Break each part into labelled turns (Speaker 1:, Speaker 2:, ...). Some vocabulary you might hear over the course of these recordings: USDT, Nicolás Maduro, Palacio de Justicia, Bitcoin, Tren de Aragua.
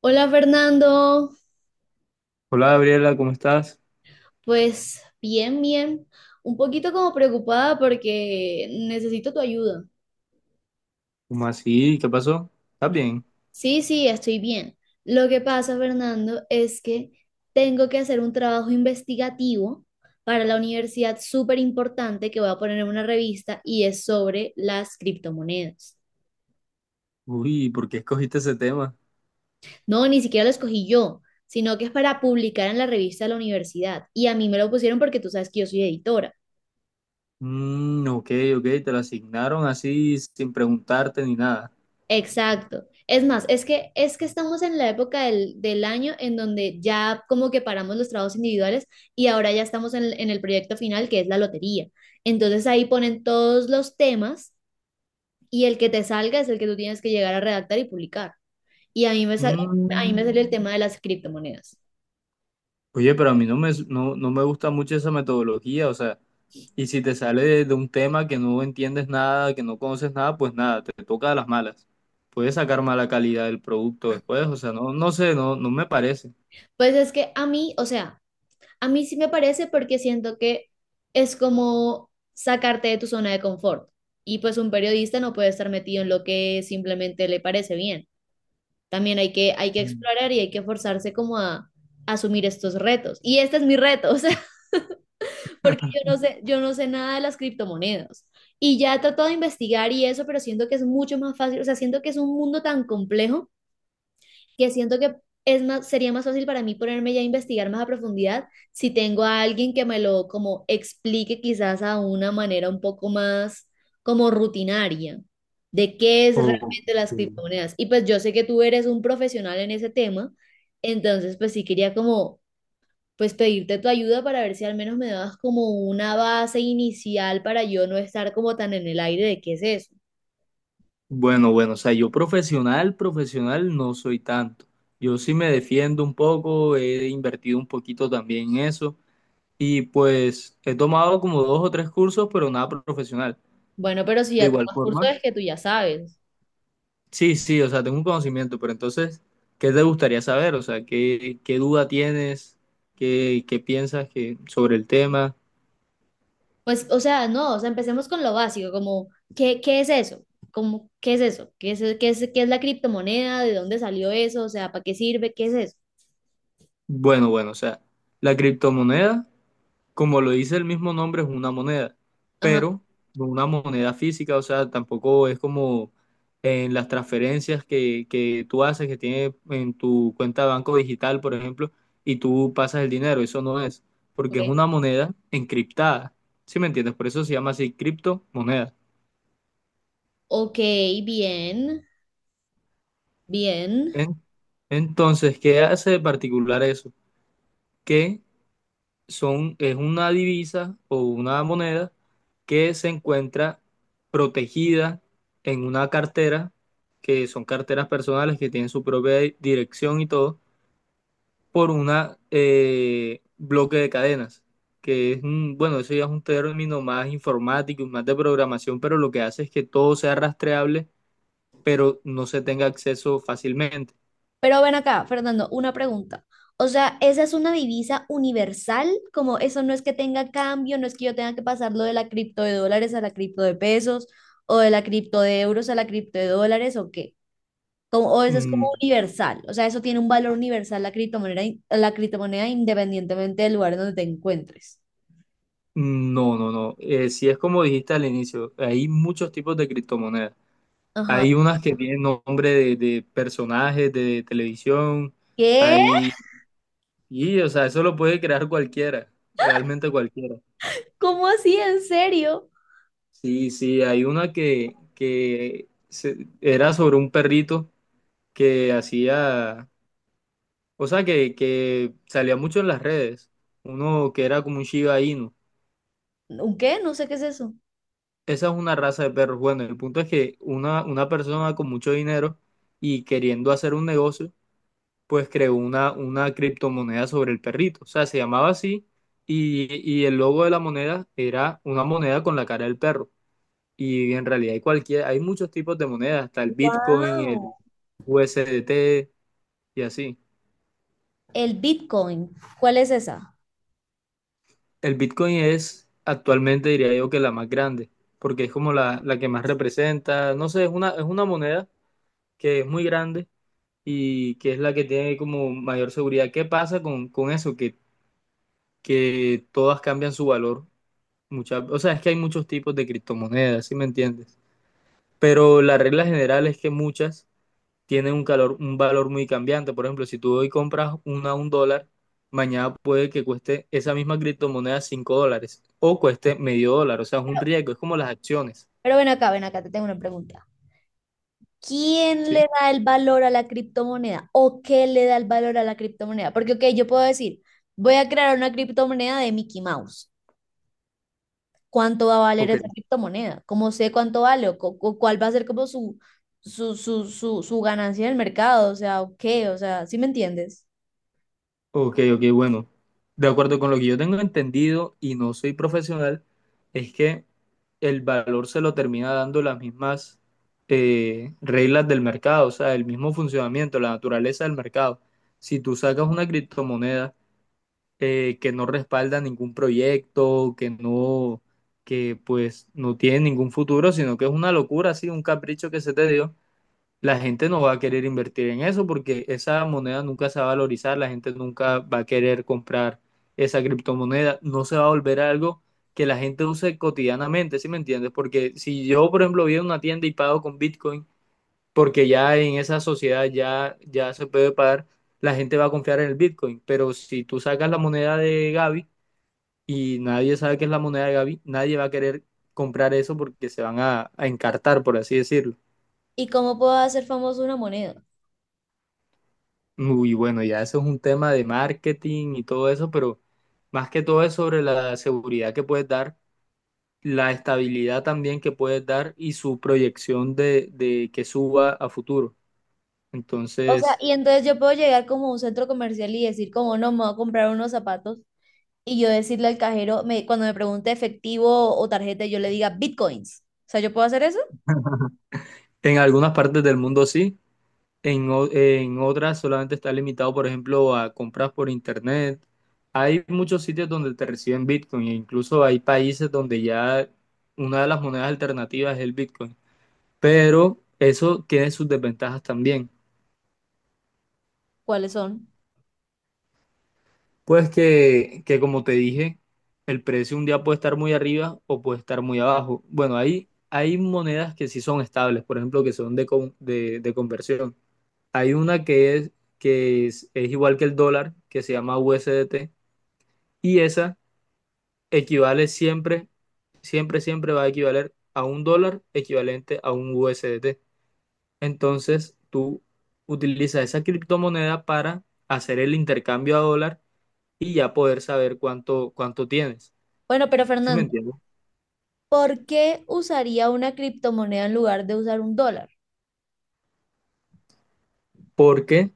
Speaker 1: Hola, Fernando.
Speaker 2: Hola Gabriela, ¿cómo estás?
Speaker 1: Pues bien, bien, un poquito como preocupada porque necesito tu ayuda.
Speaker 2: ¿Cómo así? ¿Qué pasó? ¿Estás bien?
Speaker 1: Sí, sí, estoy bien. Lo que pasa, Fernando, es que tengo que hacer un trabajo investigativo para la universidad súper importante que voy a poner en una revista y es sobre las criptomonedas.
Speaker 2: Uy, ¿por qué escogiste ese tema?
Speaker 1: No, ni siquiera lo escogí yo, sino que es para publicar en la revista de la universidad y a mí me lo pusieron porque tú sabes que yo soy editora.
Speaker 2: Mm, ok, ok, te lo asignaron así sin preguntarte ni nada.
Speaker 1: Exacto. Es más, es que estamos en la época del año en donde ya como que paramos los trabajos individuales y ahora ya estamos en el proyecto final que es la lotería. Entonces ahí ponen todos los temas y el que te salga es el que tú tienes que llegar a redactar y publicar. Y a mí me sal- a mí
Speaker 2: Mm.
Speaker 1: me salió el tema de las criptomonedas.
Speaker 2: Oye, pero a mí no me gusta mucho esa metodología, o sea, y si te sale de un tema que no entiendes nada, que no conoces nada, pues nada, te toca a las malas. Puedes sacar mala calidad del producto después, o sea, no, no sé, no, no me parece.
Speaker 1: Pues es que a mí, o sea, a mí sí me parece porque siento que es como sacarte de tu zona de confort. Y pues un periodista no puede estar metido en lo que simplemente le parece bien. También hay que
Speaker 2: Mm.
Speaker 1: explorar y hay que forzarse como a asumir estos retos. Y este es mi reto, o sea, porque yo no sé nada de las criptomonedas. Y ya he tratado de investigar y eso, pero siento que es mucho más fácil, o sea, siento que es un mundo tan complejo que siento que es más, sería más fácil para mí ponerme ya a investigar más a profundidad si tengo a alguien que me lo como explique quizás a una manera un poco más como rutinaria de qué es
Speaker 2: Ok.
Speaker 1: realmente las criptomonedas. Y pues yo sé que tú eres un profesional en ese tema, entonces pues sí quería como pues pedirte tu ayuda para ver si al menos me dabas como una base inicial para yo no estar como tan en el aire de qué es eso.
Speaker 2: Bueno, bueno, o sea, yo profesional, profesional no soy tanto. Yo sí me defiendo un poco, he invertido un poquito también en eso y pues he tomado como dos o tres cursos, pero nada profesional.
Speaker 1: Bueno, pero si
Speaker 2: De
Speaker 1: ya
Speaker 2: igual
Speaker 1: tomas curso
Speaker 2: forma,
Speaker 1: es que tú ya sabes.
Speaker 2: sí, sí, o sea, tengo un conocimiento, pero entonces, ¿qué te gustaría saber? O sea, ¿qué duda tienes? ¿Qué piensas sobre el tema?
Speaker 1: Pues, o sea, no, o sea, empecemos con lo básico, como, ¿qué, qué es eso? Como, ¿qué es eso? ¿Qué es, qué es, qué es la criptomoneda? ¿De dónde salió eso? O sea, ¿para qué sirve? ¿Qué es eso?
Speaker 2: Bueno, bueno, o sea, la criptomoneda, como lo dice el mismo nombre, es una moneda,
Speaker 1: Ajá,
Speaker 2: pero no una moneda física. O sea, tampoco es como en las transferencias que tú haces, que tiene en tu cuenta de banco digital, por ejemplo, y tú pasas el dinero. Eso no es, porque es
Speaker 1: ok.
Speaker 2: una moneda encriptada, ¿sí me entiendes? Por eso se llama así, criptomoneda.
Speaker 1: Ok, bien, bien.
Speaker 2: En- Entonces, ¿qué hace de particular eso? Que es una divisa o una moneda que se encuentra protegida en una cartera, que son carteras personales que tienen su propia dirección y todo, por una bloque de cadenas, que es, bueno, eso ya es un término más informático y más de programación, pero lo que hace es que todo sea rastreable, pero no se tenga acceso fácilmente.
Speaker 1: Pero ven acá, Fernando, una pregunta. O sea, ¿esa es una divisa universal? Como eso no es que tenga cambio, no es que yo tenga que pasar lo de la cripto de dólares a la cripto de pesos o de la cripto de euros a la cripto de dólares o qué. Como, o eso es como
Speaker 2: Mm.
Speaker 1: universal, o sea, eso tiene un valor universal la criptomoneda, la criptomoneda independientemente del lugar donde te encuentres.
Speaker 2: No, no, no. Si es como dijiste al inicio, hay muchos tipos de criptomonedas.
Speaker 1: Ajá.
Speaker 2: Hay unas que tienen nombre de personajes de televisión.
Speaker 1: ¿Qué?
Speaker 2: Hay, y, o sea, eso lo puede crear cualquiera, realmente cualquiera.
Speaker 1: ¿Cómo así? ¿En serio?
Speaker 2: Sí, sí, hay una que era sobre un perrito que hacía, o sea, que salía mucho en las redes. Uno que era como un Shiba Inu.
Speaker 1: ¿Un qué? No sé qué es eso.
Speaker 2: Esa es una raza de perros. Bueno, el punto es que una persona con mucho dinero y queriendo hacer un negocio pues creó una criptomoneda sobre el perrito. O sea, se llamaba así, y, y el logo de la moneda era una moneda con la cara del perro. Y en realidad hay cualquier, hay muchos tipos de monedas, hasta el Bitcoin, el
Speaker 1: Wow.
Speaker 2: USDT y así.
Speaker 1: El Bitcoin, ¿cuál es esa?
Speaker 2: El Bitcoin es actualmente, diría yo, que la más grande, porque es como la que más representa. No sé, es una moneda que es muy grande y que es la que tiene como mayor seguridad. ¿Qué pasa con eso? Que todas cambian su valor. Muchas, o sea, es que hay muchos tipos de criptomonedas, ¿sí me entiendes? Pero la regla general es que muchas tienen un calor, un valor muy cambiante. Por ejemplo, si tú hoy compras una a un dólar, mañana puede que cueste esa misma criptomoneda cinco dólares o cueste medio dólar. O sea, es un riesgo, es como las acciones,
Speaker 1: Pero ven acá, te tengo una pregunta. ¿Quién
Speaker 2: ¿sí?
Speaker 1: le da el valor a la criptomoneda? ¿O qué le da el valor a la criptomoneda? Porque, ok, yo puedo decir, voy a crear una criptomoneda de Mickey Mouse. ¿Cuánto va a valer
Speaker 2: Ok.
Speaker 1: esa criptomoneda? ¿Cómo sé cuánto vale? O, ¿cuál va a ser como su ganancia en el mercado? O sea, o qué, o sea, ¿sí me entiendes?
Speaker 2: Ok, ok, bueno. De acuerdo con lo que yo tengo entendido, y no soy profesional, es que el valor se lo termina dando las mismas reglas del mercado, o sea, el mismo funcionamiento, la naturaleza del mercado. Si tú sacas una criptomoneda que no respalda ningún proyecto, que pues no tiene ningún futuro, sino que es una locura, así, un capricho que se te dio, la gente no va a querer invertir en eso porque esa moneda nunca se va a valorizar, la gente nunca va a querer comprar esa criptomoneda, no se va a volver algo que la gente use cotidianamente, ¿sí me entiendes? Porque si yo, por ejemplo, voy a una tienda y pago con Bitcoin, porque ya en esa sociedad ya, ya se puede pagar, la gente va a confiar en el Bitcoin, pero si tú sacas la moneda de Gaby y nadie sabe qué es la moneda de Gaby, nadie va a querer comprar eso porque se van a encartar, por así decirlo.
Speaker 1: ¿Y cómo puedo hacer famoso una moneda?
Speaker 2: Muy bueno, ya eso es un tema de marketing y todo eso, pero más que todo es sobre la seguridad que puedes dar, la estabilidad también que puedes dar y su proyección de que suba a futuro.
Speaker 1: O sea,
Speaker 2: Entonces,
Speaker 1: y entonces yo puedo llegar como a un centro comercial y decir como, no, me voy a comprar unos zapatos y yo decirle al cajero, me, cuando me pregunte efectivo o tarjeta, yo le diga bitcoins. O sea, ¿yo puedo hacer eso?
Speaker 2: en algunas partes del mundo sí, en otras solamente está limitado, por ejemplo, a compras por internet. Hay muchos sitios donde te reciben Bitcoin, e incluso hay países donde ya una de las monedas alternativas es el Bitcoin, pero eso tiene sus desventajas también.
Speaker 1: ¿Cuáles son?
Speaker 2: Pues que como te dije, el precio un día puede estar muy arriba o puede estar muy abajo. Bueno, hay monedas que sí son estables, por ejemplo, que son de conversión. Hay una que es igual que el dólar, que se llama USDT, y esa equivale siempre, siempre, siempre. Va a equivaler a un dólar equivalente a un USDT. Entonces, tú utilizas esa criptomoneda para hacer el intercambio a dólar y ya poder saber cuánto tienes.
Speaker 1: Bueno, pero
Speaker 2: ¿Sí me
Speaker 1: Fernando,
Speaker 2: entiendes?
Speaker 1: ¿por qué usaría una criptomoneda en lugar de usar un dólar?
Speaker 2: Porque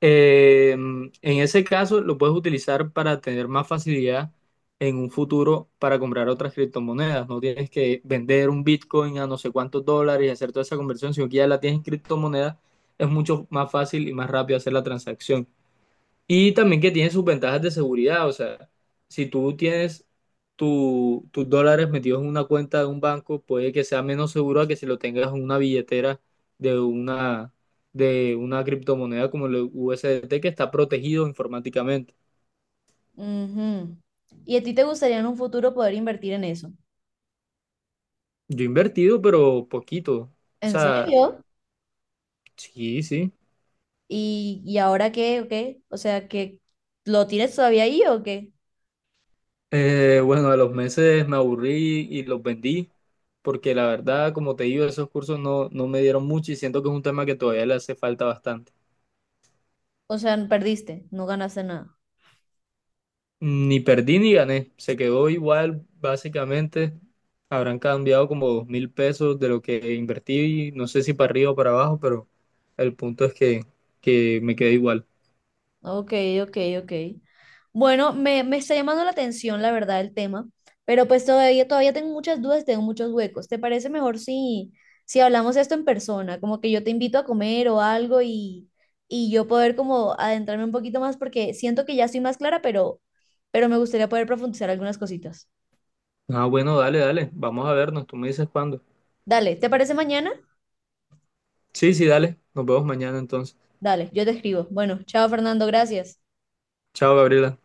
Speaker 2: en ese caso lo puedes utilizar para tener más facilidad en un futuro para comprar otras criptomonedas. No tienes que vender un Bitcoin a no sé cuántos dólares y hacer toda esa conversión, sino que ya la tienes en criptomonedas. Es mucho más fácil y más rápido hacer la transacción. Y también que tiene sus ventajas de seguridad, o sea, si tú tienes tus dólares metidos en una cuenta de un banco, puede que sea menos seguro a que si lo tengas en una billetera de una, de una criptomoneda como el USDT, que está protegido informáticamente.
Speaker 1: Ujú. ¿Y a ti te gustaría en un futuro poder invertir en eso?
Speaker 2: Yo he invertido, pero poquito. O
Speaker 1: ¿En
Speaker 2: sea,
Speaker 1: serio?
Speaker 2: sí, sí.
Speaker 1: Y ahora qué o qué? O sea, ¿que lo tienes todavía ahí o qué?
Speaker 2: Bueno, a los meses me aburrí y los vendí, porque la verdad, como te digo, esos cursos no me dieron mucho y siento que es un tema que todavía le hace falta bastante.
Speaker 1: O sea, perdiste, no ganaste nada.
Speaker 2: Ni perdí ni gané, se quedó igual básicamente. Habrán cambiado como 2.000 pesos de lo que invertí, no sé si para arriba o para abajo, pero el punto es que me quedé igual.
Speaker 1: Ok, ok, ok. Bueno, me está llamando la atención, la verdad, el tema, pero pues todavía, todavía tengo muchas dudas, tengo muchos huecos. ¿Te parece mejor si, si hablamos esto en persona? Como que yo te invito a comer o algo y yo poder como adentrarme un poquito más porque siento que ya estoy más clara, pero me gustaría poder profundizar algunas cositas.
Speaker 2: Ah, bueno, dale, dale, vamos a vernos, tú me dices cuándo.
Speaker 1: Dale, ¿te parece mañana?
Speaker 2: Sí, sí, dale, nos vemos mañana entonces.
Speaker 1: Dale, yo te escribo. Bueno, chao Fernando, gracias.
Speaker 2: Chao, Gabriela.